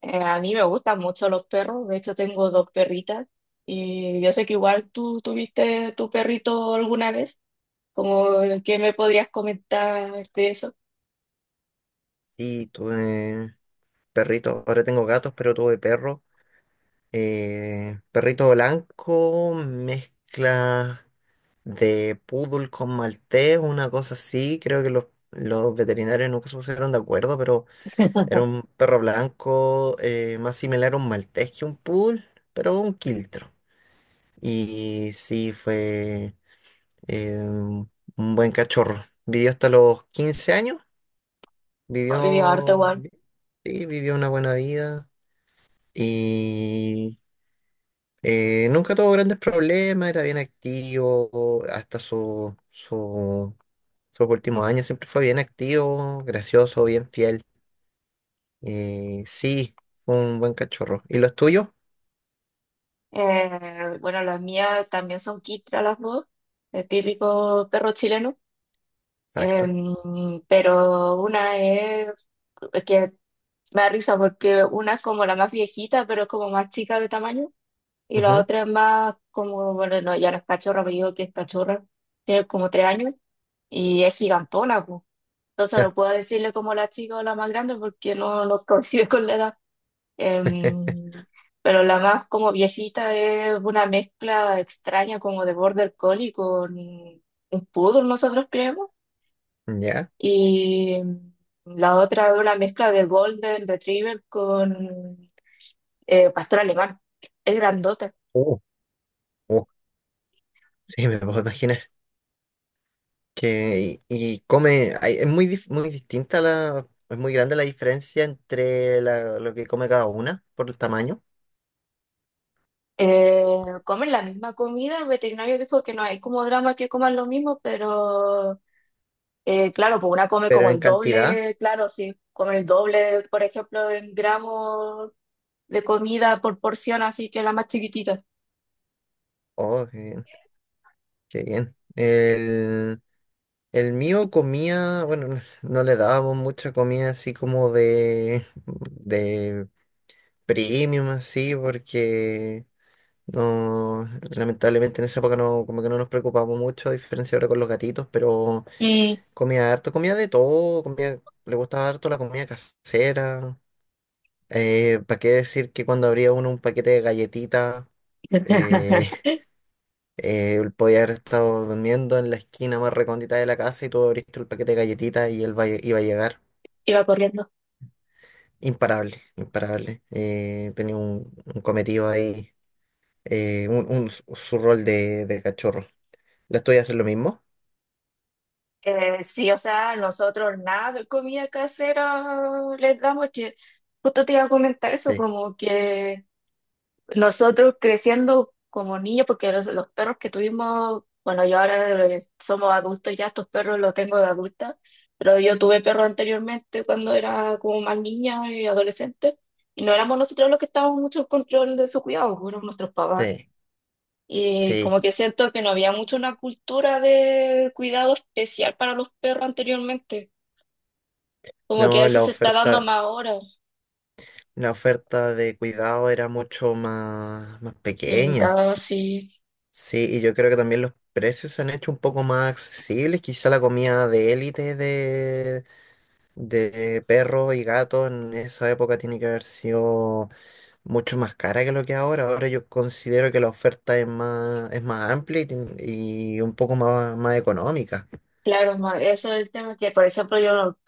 A mí me gustan mucho los perros, de hecho tengo dos perritas y yo sé que igual tú tuviste tu perrito alguna vez, como qué me podrías comentar de eso. Sí, tuve perritos, ahora tengo gatos, pero tuve perro. Perrito blanco, mezcla de poodle con maltés, una cosa así. Creo que los veterinarios nunca se pusieron de acuerdo, pero era un perro blanco más similar a un maltés que un poodle, pero un quiltro. Y sí, fue un buen cachorro. Vivió hasta los 15 años, Y harto vivió, igual. sí, vivió una buena vida. Y nunca tuvo grandes problemas, era bien activo, hasta sus últimos años siempre fue bien activo, gracioso, bien fiel. Sí, fue un buen cachorro. ¿Y los tuyos? Bueno, las mías también son quistras las dos, el típico perro chileno. Exacto. Em, pero es que me da risa porque una es como la más viejita, pero es como más chica de tamaño. Y la Ujú. otra es más como, bueno, no, ya no es cachorra, pero digo que es cachorra. Tiene como 3 años y es gigantona, pues. Entonces no puedo decirle como la chica o la más grande porque no coincide con la edad. Em, pero la más como viejita es una mezcla extraña como de border collie con un poodle, nosotros creemos. ¿Ya? Y la otra es una mezcla de golden retriever con pastor alemán. Es grandota. Uh, uh, sí, me puedo imaginar. Que, y come, hay- es muy, dif- Muy distinta es muy grande la diferencia entre lo que come cada una por el tamaño, Eh, Comen la misma comida, el veterinario dijo que no hay como drama que coman lo mismo, pero claro, pues una come pero como en el cantidad, doble, claro, si come el doble, por ejemplo, en gramos de comida por porción, así que la más chiquitita. oh, qué bien. El mío comía, bueno, no, no le dábamos mucha comida así como de premium, así, porque no, lamentablemente en esa época no, como que no nos preocupamos mucho, a diferencia ahora con los gatitos, pero Y comía harto, comía de todo, le gustaba harto la comida casera. ¿Para qué decir que cuando abría uno un paquete de galletitas? eh, Él podía haber estado durmiendo en la esquina más recóndita de la casa y tú abriste el paquete de galletitas y iba a llegar. iba corriendo. Imparable, imparable. Tenía un cometido ahí, eh, un, un- su rol de cachorro. ¿Las tuyas hacen lo mismo? Sí, o sea, nosotros nada de comida casera les damos, es que justo te iba a comentar eso, Sí, como que nosotros creciendo como niños, porque los perros que tuvimos, bueno, yo ahora somos adultos ya, estos perros los tengo de adulta, pero yo tuve perros anteriormente cuando era como más niña y adolescente, y no éramos nosotros los que estábamos mucho en control de su cuidado, fueron nuestros papás. sí, Y sí. como que siento que no había mucho una cultura de cuidado especial para los perros anteriormente, como que No, eso la se está dando más oferta, ahora, la oferta de cuidado era mucho más de mi pequeña. casa, sí. Sí, y yo creo que también los precios se han hecho un poco más accesibles. Quizá la comida de élite de perro y gato en esa época tiene que haber sido mucho más cara que lo que es ahora. Ahora yo considero que la oferta es más, amplia y un poco más económica. Claro, ma, eso es el tema que, por ejemplo, yo no-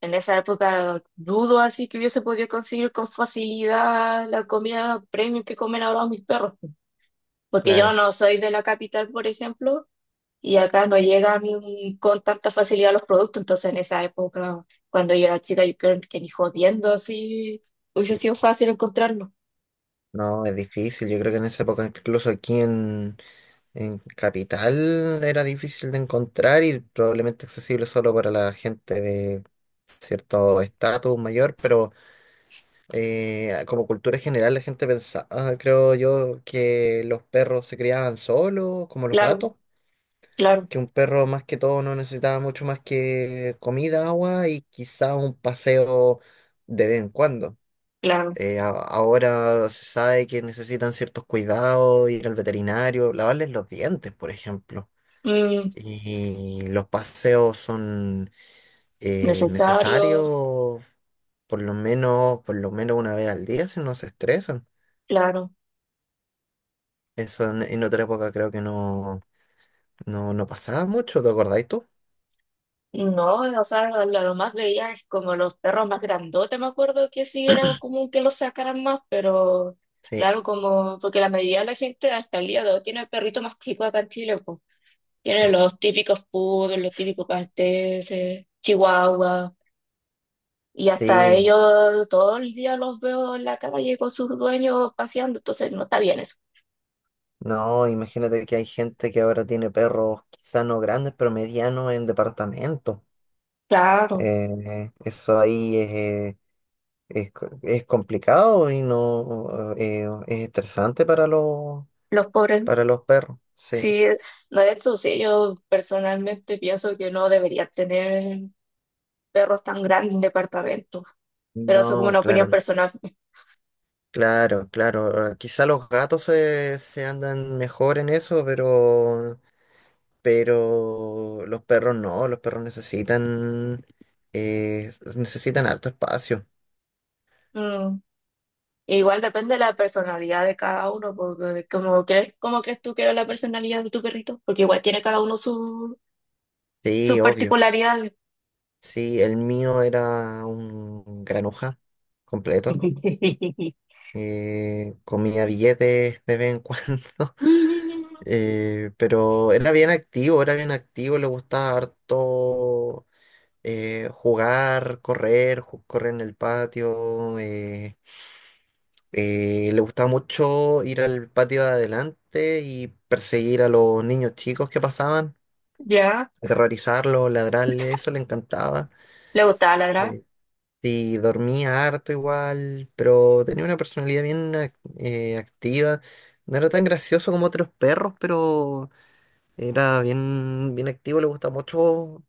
en esa época dudo así que hubiese podido conseguir con facilidad la comida premium que comen ahora mis perros, po. Porque yo Claro, no soy de la capital, por ejemplo, y acá no llegan con tanta facilidad los productos, entonces en esa época, cuando yo era chica, yo creo que ni jodiendo así hubiese sido fácil encontrarlo. no, es difícil. Yo creo que en esa época, incluso aquí en Capital, era difícil de encontrar y probablemente accesible solo para la gente de cierto estatus mayor, pero... como cultura general, la gente pensaba, creo yo, que los perros se criaban solos, como los Claro, gatos, claro, que un perro más que todo no necesitaba mucho más que comida, agua y quizá un paseo de vez en cuando. claro. A- Ahora se sabe que necesitan ciertos cuidados, ir al veterinario, lavarles los dientes, por ejemplo. Mm, Y los paseos son necesario, necesarios, por lo menos una vez al día si no se estresan. claro. Eso en otra época creo que no, no, no pasaba mucho, ¿te acordáis tú? No, o sea, lo más veía es como los perros más grandotes, me acuerdo que sí era común que los sacaran más, pero Sí, claro, como porque la mayoría de la gente hasta el día de hoy tiene perritos más chicos acá en Chile, pues. Tienen sí, los típicos poodles, los típicos malteses, chihuahuas, y hasta sí. ellos todo el día los veo en la calle con sus dueños paseando, entonces no está bien eso. No, imagínate que hay gente que ahora tiene perros, quizá no grandes, pero medianos en departamento. Claro, Eso ahí es, es complicado y no es estresante para los pobres, para los perros. Sí. sí, no, de hecho, sí, yo personalmente pienso que no debería tener perros tan grandes en departamentos, pero eso es como No, una opinión claro, personal. claro, claro. Quizá los gatos se andan mejor en eso, pero los perros no, los perros necesitan harto espacio. Mm, igual depende de la personalidad de cada uno, porque como crees, ¿cómo crees tú que era la personalidad de tu perrito? Porque igual tiene cada uno su- sus Sí, obvio. particularidades. Sí, el mío era un granuja completo. Comía billetes de vez en cuando, pero era bien activo, le gustaba harto jugar, correr, correr en el patio. Le gustaba mucho ir al patio de adelante y perseguir a los niños chicos que pasaban, Ya, aterrorizarlos, ladrarles, eso le encantaba. le gustaba ladrar. Eh, y dormía harto igual, pero tenía una personalidad bien activa. No era tan gracioso como otros perros, pero era bien, bien activo, le gustaba mucho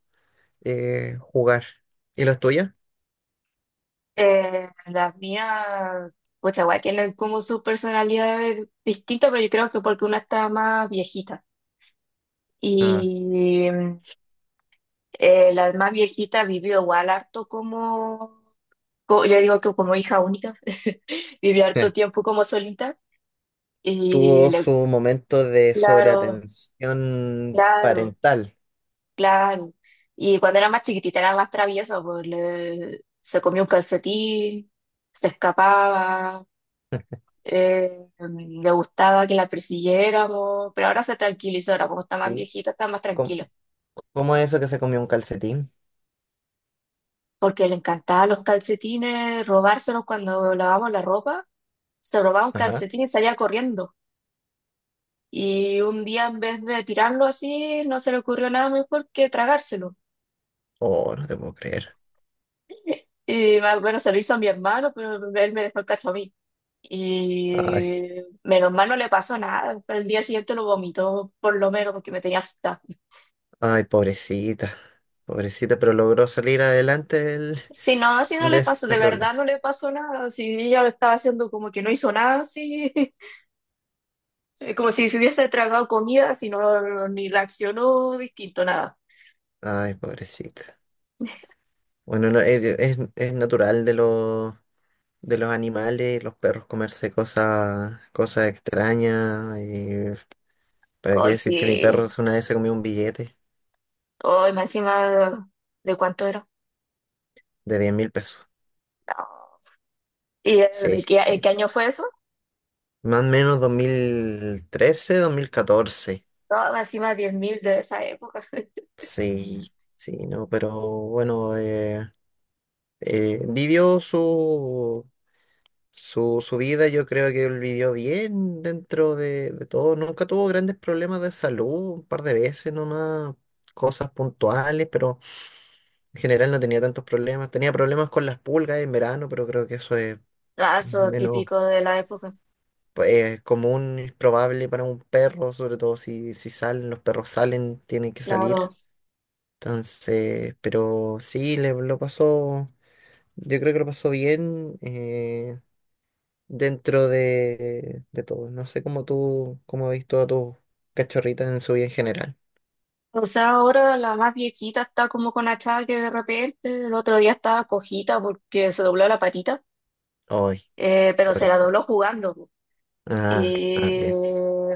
jugar. ¿Y los tuyos? Las mías, pues igual tienen como sus personalidades distintas, pero yo creo que porque una está más viejita. Ah, Y la más viejita vivió igual harto como co- yo digo que como hija única, viví harto eh, tiempo como solita y tuvo le- su momento de claro, sobreatención claro, parental. claro. Y cuando era más chiquitita era más traviesa, pues le- se comía un calcetín, se escapaba, le gustaba que la persiguiéramos, pero ahora se tranquilizó, ahora como está más ¿Sí? viejita está más tranquila, ¿Cómo es eso que se comió un calcetín? porque le encantaban los calcetines, robárselos cuando lavábamos la ropa, se robaba un Ajá. calcetín y salía corriendo. Y un día en vez de tirarlo así, no se le ocurrió nada mejor que tragárselo. Oh, no te puedo creer. Y más bueno, se lo hizo a mi hermano, pero él me dejó el cacho a mí. Ay, Y menos mal no le pasó nada. El día siguiente lo vomitó, por lo menos, porque me tenía asustada. ay, pobrecita, pobrecita, pero logró salir adelante del- Si no, si no de le ese pasó, de verdad problema. no le pasó nada. Si ella lo estaba haciendo como que no hizo nada, sí. Como si se hubiese tragado comida, si no, ni reaccionó distinto, nada. Ay, pobrecita. Bueno, no, es natural de los animales, los perros comerse cosas extrañas. Y para qué Hoy decir que mi sí. perro una vez se comió un billete Hoy, más encima, ¿de cuánto era? de 10.000 pesos. No. ¿Y de Sí, qué, qué sí. año fue eso? Más o menos 2013, 2014. No, encima 10.000 de esa época. Sí, sí, no, pero bueno, vivió su vida, yo creo que él vivió bien dentro de todo, nunca tuvo grandes problemas de salud, un par de veces nomás, cosas puntuales, pero en general no tenía tantos problemas, tenía problemas con las pulgas en verano, pero creo que eso es Lazo menos típico de la época, pues, común y probable para un perro, sobre todo si salen, los perros salen, tienen que salir, claro. entonces, pero sí, le lo pasó. Yo creo que lo pasó bien dentro de todo. No sé cómo tú, cómo has visto a tus cachorritas en su vida en general. O sea, ahora la más viejita está como con achaque de repente. El otro día estaba cojita porque se dobló la patita, Ay, pero se la pobrecito. dobló jugando, po. Ah, ah, Y bien.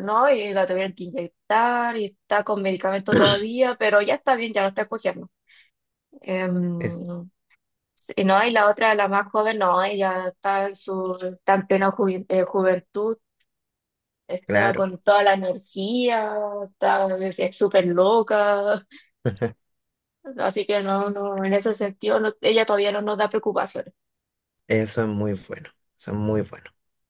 no, y la tuvieron que inyectar y está con medicamento todavía, pero ya está bien, ya no está cogiendo. Es Em, y no, y la otra, la más joven, no, ella está en su, está en plena juven- juventud. Está claro. con toda la energía, está, es súper loca, así que no, no, en ese sentido no- ella todavía no nos da preocupaciones. Eso es muy bueno. Eso es muy bueno.